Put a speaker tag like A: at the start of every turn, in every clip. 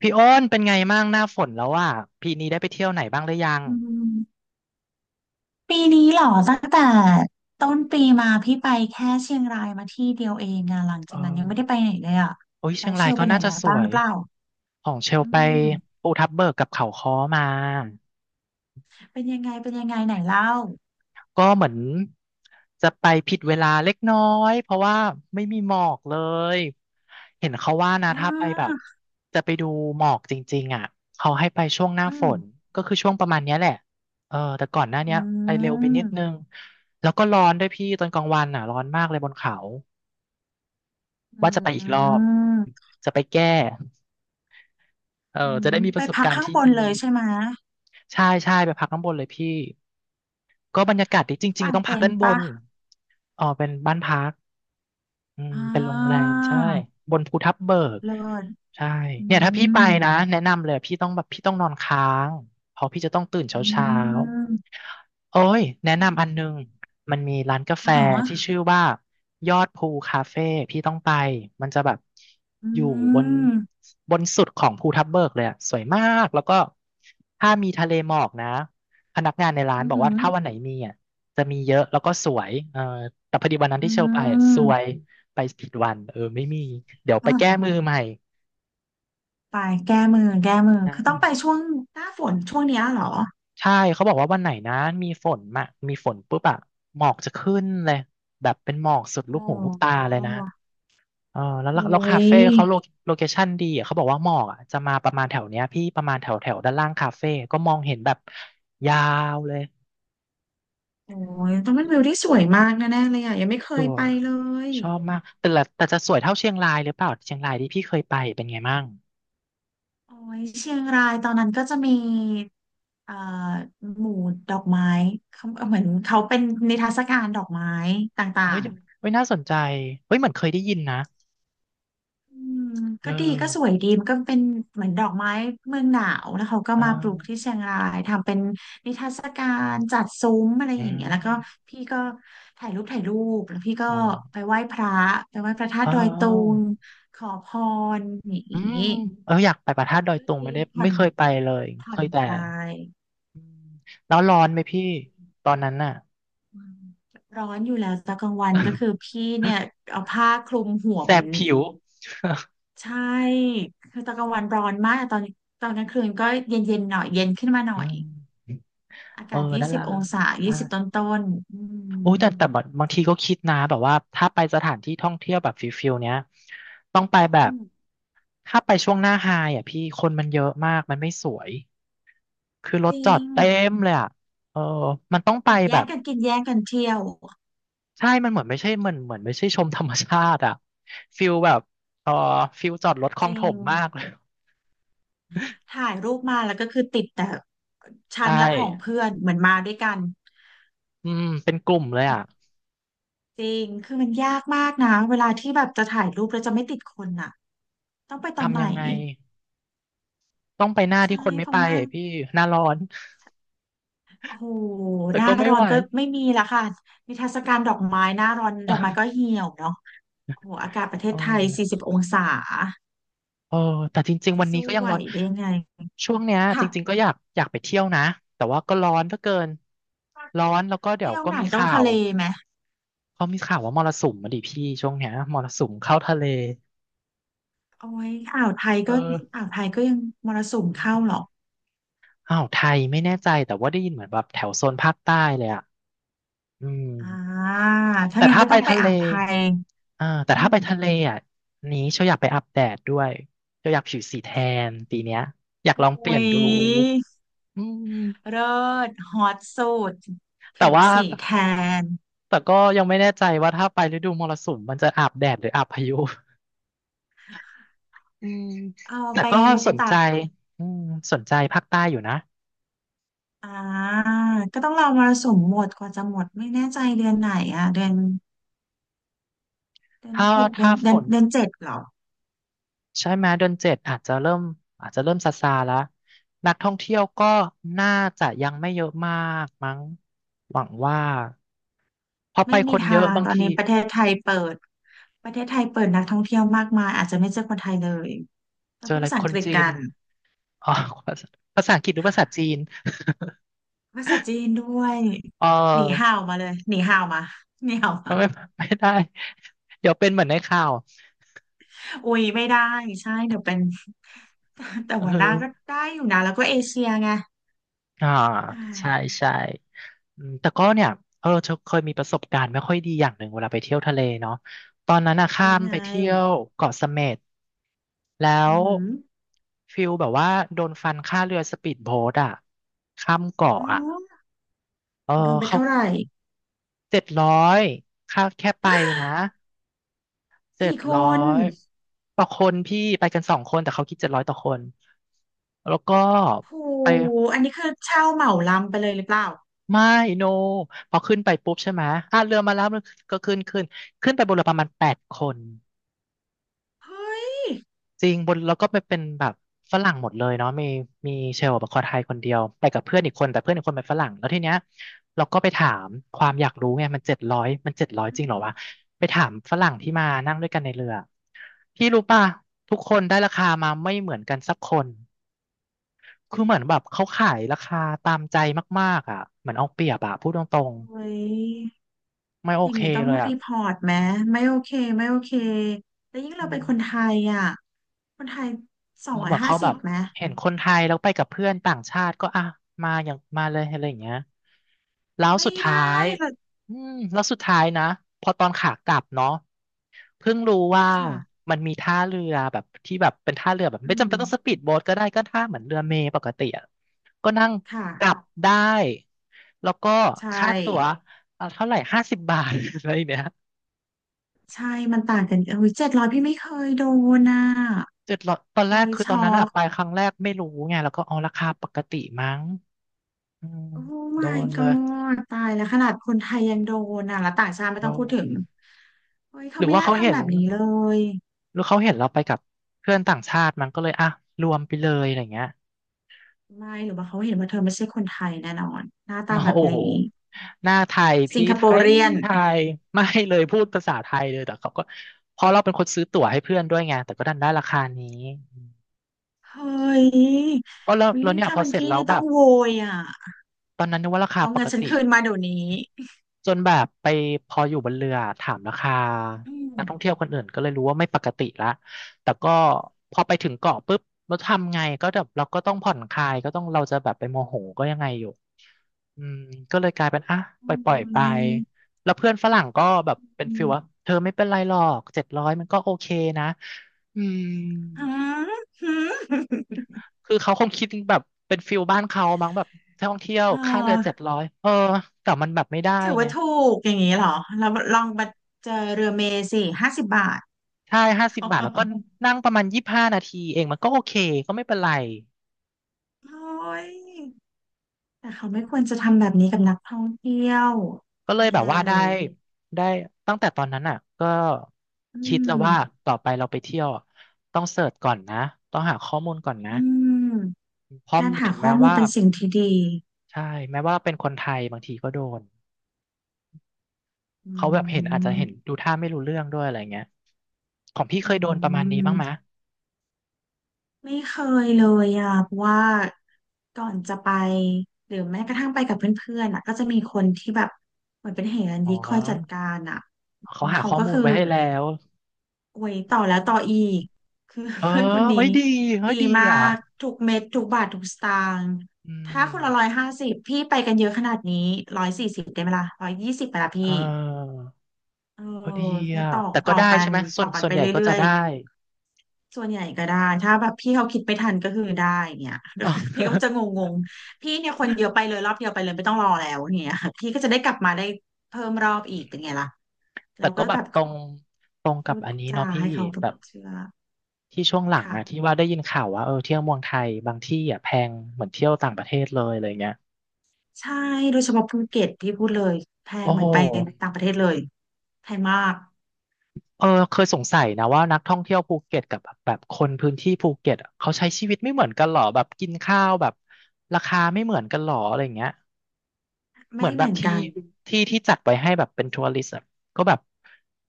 A: พี่อ้นเป็นไงมั่งหน้าฝนแล้วอ่ะปีนี้ได้ไปเที่ยวไหนบ้างหรือยัง
B: อืมปีนี้เหรอตั้งแต่ต้นปีมาพี่ไปแค่เชียงรายมาที่เดียวเองอะหลัง
A: เอ
B: จากนั้นยังไม่ได้
A: อ
B: ไปไหนเลยอะ
A: โอ้ย
B: แล้
A: เชีย
B: ว
A: ง
B: เช
A: ราย
B: ล
A: ก็
B: ไปไหน
A: น่าจะ
B: มา
A: ส
B: บ้า
A: ว
B: งหรื
A: ย
B: อเปล่า
A: ของเชล
B: อื
A: ไป
B: ม
A: ภูทับเบิกกับเขาค้อมา
B: เป็นยังไงเป็นยังไงไหนเล่า
A: ก็เหมือนจะไปผิดเวลาเล็กน้อยเพราะว่าไม่มีหมอกเลยเห็นเขาว่านะ
B: อ่
A: ถ้าไปแบบ
B: า
A: จะไปดูหมอกจริงๆอ่ะเขาให้ไปช่วงหน้า
B: อื
A: ฝ
B: ม
A: นก็คือช่วงประมาณเนี้ยแหละเออแต่ก่อนหน้าเนี้
B: อื
A: ยไปเร็วไปนิดนึ
B: ม
A: งแล้วก็ร้อนด้วยพี่ตอนกลางวันอ่ะร้อนมากเลยบนเขา
B: อื
A: ว่า
B: ม
A: จะไปอี
B: อื
A: กรอบ
B: ม
A: จะไปแก้เอ
B: อื
A: อจะ
B: ม
A: ได้มีป
B: ไป
A: ระสบ
B: พัก
A: การณ์
B: ข้าง
A: ที่
B: บน
A: ดี
B: เลยใช่ไหม
A: ใช่ใช่ไปพักข้างบนเลยพี่ ก็บรรยากาศดีจริง
B: กา
A: ๆ
B: ง
A: ต้องพั
B: เต็
A: ก
B: น
A: ด้าน
B: ท์
A: บ
B: ปะ
A: นอ๋อเป็นบ้านพัก อืม
B: อ่
A: เป็นโรงแร
B: า
A: มใช่บนภูทับเบิก
B: เลิศ
A: ใช่
B: อื
A: เนี่ยถ้าพี่ไป
B: ม
A: นะแนะนำเลยพี่ต้องแบบพี่ต้องนอนค้างเพราะพี่จะต้องตื่น
B: อื
A: เช้าเช้า
B: ม
A: โอ้ยแนะนำอันนึงมีร้านกาแฟ
B: อ๋
A: ที่
B: อ
A: ชื่อว่ายอดภูคาเฟ่พี่ต้องไปมันจะแบบ
B: อื
A: อยู่บน
B: ม
A: บนสุดของภูทับเบิกเลยอะสวยมากแล้วก็ถ้ามีทะเลหมอกนะพนักงานในร้าน
B: อืมอ
A: บอก
B: หื
A: ว่า
B: อ
A: ถ้าวันไหนมีจะมีเยอะแล้วก็สวยเออแต่พอดีวันนั้น
B: อื
A: ที่เชลไปอะสวย
B: ม
A: ไปผิดวันเออไม่มีเดี๋ยวไปแก้
B: อ่า
A: มือใหม่
B: ตายแก้มือ
A: ใช่
B: คือต้องไปช่วงหน้าฝนช่วงเนี้ยเหรอ
A: ใช่เขาบอกว่าวันไหนนะมีฝนมะมีฝนปุ๊บอะหมอกจะขึ้นเลยแบบเป็นหมอกสุด
B: อ๋
A: ลูกหูลูกตา
B: อ
A: เลยนะเออแล้ว
B: โอ้
A: แล้วแล้วคา
B: ย
A: เฟ่เขาโลโลเคชั่นดีอะเขาบอกว่าหมอกอะจะมาประมาณแถวเนี้ยพี่ประมาณแถวแถวด้านล่างคาเฟ่ก็มองเห็นแบบยาวเลย
B: โอ้ยต้องเป็นวิวที่สวยมากแน่ๆเลยอ่ะยังไม่เค
A: ส
B: ย
A: ว
B: ไป
A: ย
B: เลย
A: ชอบมากแต่ละแต่จะสวยเท่าเชียงรายหรือเปล่าเชียงรายที่พี่เคยไปเป็นไงมั่ง
B: โอ้ยเชียงรายตอนนั้นก็จะมีเอ่อหมู่ดอกไม้เขาเหมือนเขาเป็นนิทรรศการดอกไม้ต่า
A: เฮ้ย
B: งๆ
A: เฮ้ยน่าสนใจเฮ้ยเหมือนเคยได้ยินนะ
B: อืม
A: เอ
B: ก็ดีก็สว
A: อ
B: ยดีมันก็เป็นเหมือนดอกไม้เมืองหนาวแล้วเขาก็
A: เอ
B: มาปลูกที่
A: ่
B: เชียงรายทำเป็นนิทรรศการจัดซุ้มอะไร
A: อื
B: อย่างเงี้ยแล้วก็
A: ม
B: พี่ก็ถ่ายรูปแล้วพี่ก็
A: อ๋
B: ไป
A: อ
B: ไหว้พระไปไหว้พระธาตุ
A: อ้า
B: ดอยตุ
A: ว
B: งขอพรอย่าง
A: อื
B: งี้
A: มเอออยากไปพระธาตุดอย
B: ก็
A: ตุงไม่
B: ดี
A: ได้
B: ผ่อ
A: ไม่
B: น
A: เคยไปเลย
B: ผ่
A: เค
B: อน
A: ยแต่
B: คลาย
A: อืมแล้วร้อนไหมพี่ตอนนั้นน่ะ
B: อืมร้อนอยู่แล้วตอนกลางวันก็คือพี่เนี่ย เอาผ้าคลุมหัว
A: แส
B: เหมือ
A: บ
B: น
A: ผิว
B: ใช่คือตอนกลางวันร้อนมากตอนกลางคืนก็เย็นเย็นหน่อยเย็นขึ้นมาหน่
A: อื
B: อย
A: ม
B: อา
A: เออ
B: กาศยี่
A: นั่น
B: สิบ
A: ล่ะ
B: องศา
A: ใช่
B: ยี่สิบต้นต้นๆอื
A: โอ้
B: ม
A: ยแต่บางทีก็คิดนะแบบว่าถ้าไปสถานที่ท่องเที่ยวแบบฟิลเนี้ยต้องไปแบ
B: อื
A: บ
B: ม
A: ถ้าไปช่วงหน้าไฮอ่ะพี่คนมันเยอะมากมันไม่สวยคือร
B: จ
A: ถ
B: ริ
A: จอด
B: ง
A: เต็มเลยอ่ะเออมันต้องไปแบ
B: แย่ง
A: บ
B: กันกินแย่งกันเที่ยว
A: ใช่มันเหมือนไม่ใช่มันเหมือนไม่ใช่ชมธรรมชาติอะฟิลแบบเออฟิลจอดรถคล
B: จ
A: องถ
B: ริง
A: มมากเลย
B: ถ่ายรูปมาแล้วก็คือติดแต่ชั้
A: ใช่
B: นและของเพื่อนเหมือนมาด้วยกัน
A: อืมเป็นกลุ่มเลยอะ
B: จริงคือมันยากมากนะเวลาที่แบบจะถ่ายรูปแล้วจะไม่ติดคนน่ะต้องไปตอน
A: ทำ
B: ไหน
A: ยังไงต้องไปหน้า
B: ใช่
A: ที่คนไม่
B: เพ
A: ไป
B: ราะว่า
A: พี่หน้าร้อน
B: โอ้โห
A: แต่
B: หน้า
A: ก็ไม่
B: ร้อ
A: ไหว
B: นก็ไม่มีละค่ะนิทรรศการดอกไม้หน้าร้อน ดอกไม้ก็
A: อะ
B: เหี่ยวเนาะโอ้โหอากาศประเท
A: เอ
B: ศ
A: อ
B: ไทย40 องศา
A: เออแต่จริงๆ
B: จะ
A: วันนี้
B: สู้
A: ก็ยัง
B: ไหว
A: ร้อน
B: ได้ไง
A: ช่วงเนี้ยจ
B: ค่ะ
A: ริงๆก็อยากไปเที่ยวนะแต่ว่าก็ร้อนเหลือเกินร้อนแล้วก็เดี๋ยว
B: เที่ยว
A: ก็
B: ไหน
A: มี
B: ต้อง
A: ข่า
B: ทะ
A: ว
B: เลไหม
A: เขามีข่าวว่ามรสุมมาดิพี่ช่วงเนี้ยมรสุมเข้าทะเล
B: โอ้ยอ่าวไทย
A: เออ
B: ก็อ่าวไทยก็ยังมรสุมเข้าหรอก
A: อ้าวไทยไม่แน่ใจแต่ว่าได้ยินเหมือนแบบแถวโซนภาคใต้เลยอ่ะอืม
B: อ่าถ้า
A: แต่
B: งั้น
A: ถ้า
B: ก็
A: ไป
B: ต้องไป
A: ทะเล
B: อ่าวไทย
A: อ่าแต่
B: อื
A: ถ้า
B: ม
A: ไปทะเลอ่ะนี้เชียวอยากไปอาบแดดด้วยเชียวอยากผิวสีแทนปีเนี้ยอยาก
B: โอ
A: ลองเปลี่
B: ้
A: ยนดู
B: ย
A: อืม
B: เลิศฮอตสุด
A: แต่
B: ผิว
A: ว่า
B: สีแทน
A: แต่ก็ยังไม่แน่ใจว่าถ้าไปฤดูมรสุมมันจะอาบแดดหรืออาบพายุ
B: เอา
A: แต่
B: ไป
A: ก็สน
B: ตา
A: ใจ
B: ก
A: อืมสนใจภาคใต้อยู่นะ
B: อ่าก็ต้องรอมรสุมหมดกว่าจะหมดไม่แน่ใจเดือนไหนอ่ะเดือนเดือน
A: ถ้า
B: หกเดือ
A: ถ้า
B: นเดื
A: ฝ
B: อน
A: น
B: เดือนเจ็ดเหรอ
A: ใช่ไหมเดือนเจ็ดอาจจะเริ่มอาจจะเริ่มซาซาแล้วนักท่องเที่ยวก็น่าจะยังไม่เยอะมากมั้งหวังว่าพอไป
B: ไม่
A: ค
B: มี
A: นเย
B: ทา
A: อะ
B: ง
A: บาง
B: ตอน
A: ที
B: นี้ประเทศไทยเปิดนักท่องเที่ยวมากมายอาจจะไม่เจอคนไทยเลยต้อ
A: เจ
B: ง
A: อ
B: พูด
A: อะไร
B: ภาษา
A: ค
B: อัง
A: น
B: กฤษ
A: จี
B: กั
A: น
B: น
A: อ๋อ ภาษาอังกฤษหรือภาษาจีน
B: ภาษาจีนด้วย
A: เอ
B: หนี
A: อ
B: ห่าวมาเลยหนีห่าวมาหนีห่าวมา
A: ไม่ไม่ได้เดี๋ยวเป็นเหมือนในข่าว
B: อุ้ยไม่ได้ใช่เดี๋ยวเป็น แต่
A: เอ
B: หัวหน้าก็
A: อ
B: ได้อยู่นะแล้วก็เอเชียไง
A: อ่า
B: อ้า
A: ใช่
B: ย
A: ใช่ อืมแต่ก็เนี่ยเออเธอเคยมีประสบการณ์ไม่ค่อยดีอย่างหนึ่งเวลาไปเที่ยวทะเลเนาะ ตอนนั้นอะข้า
B: ยัง
A: ม
B: ไง
A: ไปเที่ยวเกาะเสม็ดแล้
B: อื
A: ว
B: อหือ
A: ฟิลแบบว่าโดนฟันค่าเรือสปีดโบ๊ทอะข้ามเกาะ
B: อ๋อ
A: อะเออ
B: โดนไป
A: เขา
B: เท่าไหร่
A: เจ็ดร้อยค่าแค่ไปนะเจ็ด
B: กี่ค
A: ร้อ
B: น
A: ยต่อคนพี่ไปกันสองคนแต่เขาคิดเจ็ดร้อยต่อคนแล้วก็
B: โห
A: ไป
B: อันนี้คือเช่าเหมาลำไปเลยหรือเปล่า
A: ไม่โนพอขึ้นไปปุ๊บใช่ไหมอ่ะเรือมาแล้วมันก็ขึ้นไปบนเรือประมาณแปดคน
B: เฮ้ย
A: จริง บนแล้วก็ไปเป็นแบบฝรั่งหมดเลยเนาะมีเชลล์แบบคนไทยคนเดียวไปกับเพื่อนอีกคนแต่เพื่อนอีกคนเป็นฝรั่งแล้วทีเนี้ยเราก็ไปถามความอยากรู้ไงมันเจ็ดร้อยมันเจ็ดร้อย
B: อื
A: จริงเหรอ
B: ม
A: วะไปถามฝรั่งที่มานั่งด้วยกันในเรือพี่รู้ป่ะทุกคนได้ราคามาไม่เหมือนกันสักคนคือเหมือนแบบเขาขายราคาตามใจมากๆอ่ะเหมือนเอาเปรียบอ่ะพูดตรง
B: เฮ้ย
A: ๆไม่โอ
B: อย่าง
A: เค
B: นี้ต้อง
A: เลยอ่ะ
B: รีพอร์ตไหมไม่โอเคไม่โอเคแล้วยิ่ง
A: อื
B: เราเป็
A: ม
B: นคนไทยอ่ะคนไทยสองร้อ
A: แบ
B: ย
A: บ
B: ห้า
A: เขาอแบ
B: สิบ
A: บ
B: ไหม
A: มเห็นคนไทยแล้วไปกับเพื่อนต่างชาติก็อ่ะมาอย่างมาเลยอะไรอย่างเงี้ยแล้ว
B: ไม่
A: สุด
B: ได้
A: ท้าย
B: หรอก
A: อืมแล้วสุดท้ายนะพอตอนขากลับเนาะเพิ่งรู้ว่า
B: ค่ะ
A: มันมีท่าเรือแบบที่แบบเป็นท่าเรือแบบ
B: อื
A: ไม่จำ
B: ม
A: เป็นต้องสปีดโบ๊ทก็ได้ก็ท่าเหมือนเรือเมล์ปกติอะก็นั่งกลับ
B: ค่ะ
A: ได้แล้วก็
B: ใช่
A: ค่าตั๋วเท่าไหร่ห้าสิบบาท อะไรเนี่ย
B: ใช่มันต่างกันเอ้ย700พี่ไม่เคยโดนอ่ะ
A: 700ตอนแร
B: เฮ้
A: ก
B: ย
A: คือตอน
B: ช็อ
A: นั้นอะ
B: ก
A: ไปครั้งแรกไม่รู้ไงแล้วก็อ๋อราคาปกติมั้ง อืม
B: โอ้
A: โด
B: my
A: นเลย
B: god ตายแล้วขนาดคนไทยยังโดนอ่ะแล้วต่างชาติไม่
A: โด
B: ต้องพูดถึ
A: น
B: งเฮ้ย
A: ห
B: เขา
A: รือ
B: ไม่
A: ว่า
B: น่า
A: เขาเห็
B: ทำแบ
A: น
B: บนี้เลย
A: หรือเขาเห็นเราไปกับเพื่อนต่างชาติมันก็เลยอ่ะรวมไปเลยอะไรเงี้ย
B: ไม่หรือว่าเขาเห็นว่าเธอไม่ใช่คนไทยแน่นอนหน้าตา
A: มา
B: แบบ
A: โอ้โห
B: นี้
A: หน้าไทย
B: สิ
A: พี่
B: งค
A: ไท
B: โปร
A: ย
B: เรียน
A: ไทยไม่เลยพูดภาษาไทยเลยแต่เขาก็เพราะเราเป็นคนซื้อตั๋วให้เพื่อนด้วยไงแต่ก็ดันได้ราคานี้
B: เฮ้ย
A: ก็แล้ว
B: วิ
A: แล้วเนี่ย
B: ถ้า
A: พอ
B: เป็น
A: เสร็จ
B: พี่
A: แล้ว
B: นี่
A: แบ
B: ต้อง
A: บ
B: โวยอ่ะ
A: ตอนนั้นนึกว่าราคา
B: เอา
A: ป
B: เงิน
A: ก
B: ฉัน
A: ติ
B: คืนมาเดี๋ยวนี้
A: จนแบบไปพออยู่บนเรือถามราคา
B: อืม
A: นักท่องเที่ยวคนอื่นก็เลยรู้ว่าไม่ปกติละแต่ก็พอไปถึงเกาะปุ๊บเราทำไงก็แบบเราก็ต้องผ่อนคลายก็ต้องเราจะแบบไปโมโหก็ยังไงอยู่อืมก็เลยกลายเป็นอ่ะ
B: โอ้
A: ปล่อยไป
B: ย
A: แล้วเพื่อนฝรั่งก็แบบเป็น
B: อื
A: ฟิล
B: ม
A: ว่าเธอไม่เป็นไรหรอกเจ็ดร้อยมันก็โอเคนะอืม
B: ฮะฮึ
A: คือเขาคงคิดแบบเป็นฟิลบ้านเขามั้งแบบท่องเที่ยว
B: อ๋
A: ค่าเรือเจ็ด
B: อ
A: ร้อยเออแต่มันแบบไม่ได้
B: ถือ
A: ไง
B: ว่าถูกอย่างนี้เหรอแล้วลองมาเจอเรือเมย์สิ50 บาท
A: ใช่50 บาทแล้วก็นั่งประมาณ25 นาทีเองมันก็โอเคก็ไม่เป็นไร
B: โอ้ยแต่เขาไม่ควรจะทำแบบนี้กับนักท่องเที่ยว
A: ก็เลยแบ
B: แย่
A: บว่า
B: เล
A: ได้
B: ย
A: ได้ตั้งแต่ตอนนั้นอ่ะก็
B: อื
A: คิด
B: ม
A: แล้วว่าต่อไปเราไปเที่ยวอะต้องเสิร์ชก่อนนะต้องหาข้อมูลก่อนนะ
B: อืม
A: เพราะ
B: การหา
A: ถึง
B: ข้
A: แม้
B: อมูล
A: ว่า
B: เป็นสิ่งที่ดี
A: ใช่แม้ว่าเราเป็นคนไทยบางทีก็โดน
B: อื
A: เขาแบบเห็นอาจจะเห็น
B: ม
A: ดูท่าไม่รู้เรื่องด้วยอะไรเงี้ยของ
B: อื
A: พี่เคยโดนประมาณนี้บ้างไหม
B: มไม่เคยเลยอ่ะเพราะว่าก่อนจะไปหรือแม้กระทั่งไปกับเพื่อนๆอ่ะก็จะมีคนที่แบบเหมือนเป็นเหรัญ
A: อ๋
B: ญิกคอยจัดกา
A: อ
B: รอ่ะ
A: เขาหา
B: เขา
A: ข้อ
B: ก็
A: มูล
B: คือ
A: ไว้ให้แล้ว
B: โอ้ยต่อแล้วต่ออีกคือ
A: เอ อ
B: เพื่อนคนนี้
A: เฮ้ยดีเฮ้ย
B: ดี
A: ดี
B: มา
A: อ่ะ
B: กทุกเม็ดทุกบาททุกสตางค์
A: อื
B: ถ้าคนละร้อย
A: ม
B: ห้าสิบพี่ไปกันเยอะขนาดนี้140ได้ไหมล่ะ120ไปละ
A: เอ
B: พี่
A: อ
B: เออ
A: ก็ดี
B: แล้ว
A: อ่ะแต่ก็
B: ต่อ
A: ได้
B: กั
A: ใช่
B: น
A: ไหม
B: ต่อกัน
A: ส่ว
B: ไป
A: นใหญ่ก็
B: เรื่
A: จะ
B: อย
A: ได้
B: ๆส่วนใหญ่ก็ได้ถ้าแบบพี่เขาคิดไม่ทันก็คือได้อย่างเงี้ย
A: อ๋อ
B: พี่ก็จะงงๆพี่เนี่ยคนเยอะไปเลยรอบเดียวไปเลยไม่ต้องรอแล้วเนี่ยพี่ก็จะได้กลับมาได้เพิ่มรอบอีกเป็นไงล่ะ
A: แต่
B: เรา
A: ก็
B: ก็
A: แบ
B: แบ
A: บ
B: บ
A: ตรงกั
B: พู
A: บ
B: ด
A: อันนี้เนาะ
B: จา
A: พี่
B: ให้เขา
A: แบบ
B: เชื่อ
A: ที่ช่วงหลัง
B: ค่ะ
A: อะที่ว่าได้ยินข่าวว่าเออเที่ยวเมืองไทยบางที่อะแพงเหมือนเที่ยวต่างประเทศเลยอะไรเงี้ย
B: ใช่โดยเฉพาะภูเก็ตที่พูดเลยแพ
A: โอ้
B: งเหมื
A: โห
B: อนไปต่างประเทศเลยแพงมาก
A: เออเคยสงสัยนะว่านักท่องเที่ยวภูเก็ตกับแบบคนพื้นที่ภูเก็ตอะเขาใช้ชีวิตไม่เหมือนกันหรอแบบกินข้าวแบบราคาไม่เหมือนกันหรออะไรเงี้ย เห
B: ไม่
A: มือนแบ
B: เหมื
A: บ
B: อน
A: ที่
B: กัน
A: ที่ที่จัดไว้ให้แบบเป็นทัวริสต์อะก็แบบ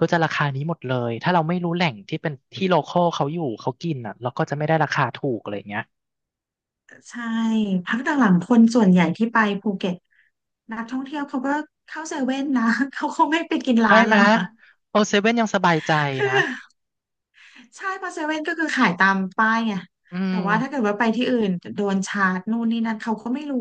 A: ก็จะราคานี้หมดเลยถ้าเราไม่รู้แหล่งที่เป็นที่โลคอลเขาอยู่เขากินอ่ะเราก็จะไม่ได้ราคาถูกอะไรอย่างเงี้ย
B: ใช่พักหลังๆคนส่วนใหญ่ที่ไปภูเก็ตนักท่องเที่ยวเขาก็เข้าเซเว่นนะ เขาคงไม่ไปกิน
A: ใช่
B: ร้าน
A: ไหม
B: แล้ว
A: ย
B: นะ
A: โอเซเว่นยังสบายใจ
B: คื
A: นะ
B: อ ใช่เพราะเซเว่นก็คือขายตามป้ายไง
A: อื
B: แต่
A: ม
B: ว่าถ้าเกิดว่าไปที่อื่นโดนชาร์จนู่นนี่นั่นเขาก็ไม่รู้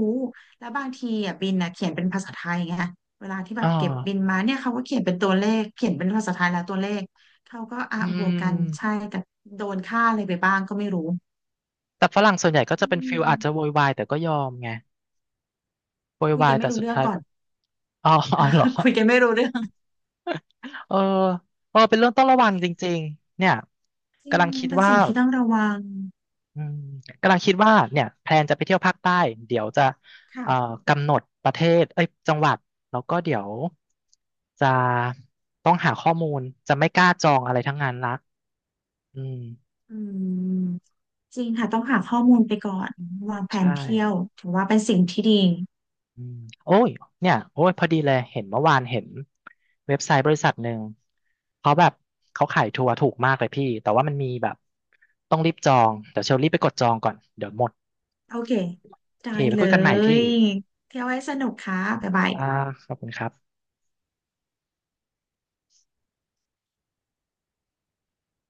B: แล้วบางทีอ่ะบินอ่ะเขียนเป็นภาษาไทยไงเวลาที่แบ
A: อ่
B: บเก็บบิน
A: า
B: มาเนี่ยเขาก็เขียนเป็นตัวเลขเขียนเป็นภาษาไทยแล้วตัวเลขเขาก็อ่ะ
A: อื
B: บวกกันใช่
A: ม
B: แต่โดนค่าอะไรไปบ้างก็ไม่รู้
A: แต่ฝรั่งส่วนใหญ่ก็
B: อื
A: จะเป็นฟิลอาจจะโว
B: ม
A: ยวายแต่ก็ยอมไงโวย
B: คุย
A: วา
B: กั
A: ย
B: นไม่
A: แต่
B: รู้
A: สุด
B: เรื่อง
A: ท้าย
B: ก่อ
A: แบ
B: น
A: บอ๋ออ๋อเหรอ
B: คุยกันไม่รู้เรื่อง
A: เออเออเป็นเรื่องต้องระวังจริงๆเนี่ย
B: จริ
A: กำ
B: ง
A: ลังคิด
B: เป็น
A: ว่า
B: สิ่งที่ต้องระวัง
A: อืมกำลังคิดว่าเนี่ยแพลนจะไปเที่ยวภาคใต้เดี๋ยวจะเอ่อ
B: ค่ะ
A: กำหนดประเทศเอ้ยจังหวัดแล้วก็เดี๋ยวจะต้องหาข้อมูลจะไม่กล้าจองอะไรทั้งนั้นละอืม
B: อืมจริงค่ะต้องหาข้อมูลไปก่อนวางแผ
A: ใช่
B: นเที่ยวถือว่าเป็นสิ่งที่ดี
A: อืมโอ้ยเนี่ยโอ้ยพอดีเลยเห็นเมื่อวานเห็นเว็บไซต์บริษัทหนึ่งเขาแบบเขาขายทัวร์ถูกมากเลยพี่แต่ว่ามันมีแบบต้องรีบจองเดี๋ยวเชลรีบไปกดจองก่อนเดี๋ยวหมด
B: โอเค
A: โอ
B: ได้
A: เคไป
B: เล
A: คุยกันใหม่พี่
B: ย เที่ยวให้สนุกค่ะบ๊ายบาย
A: อ่าขอบคุณครับ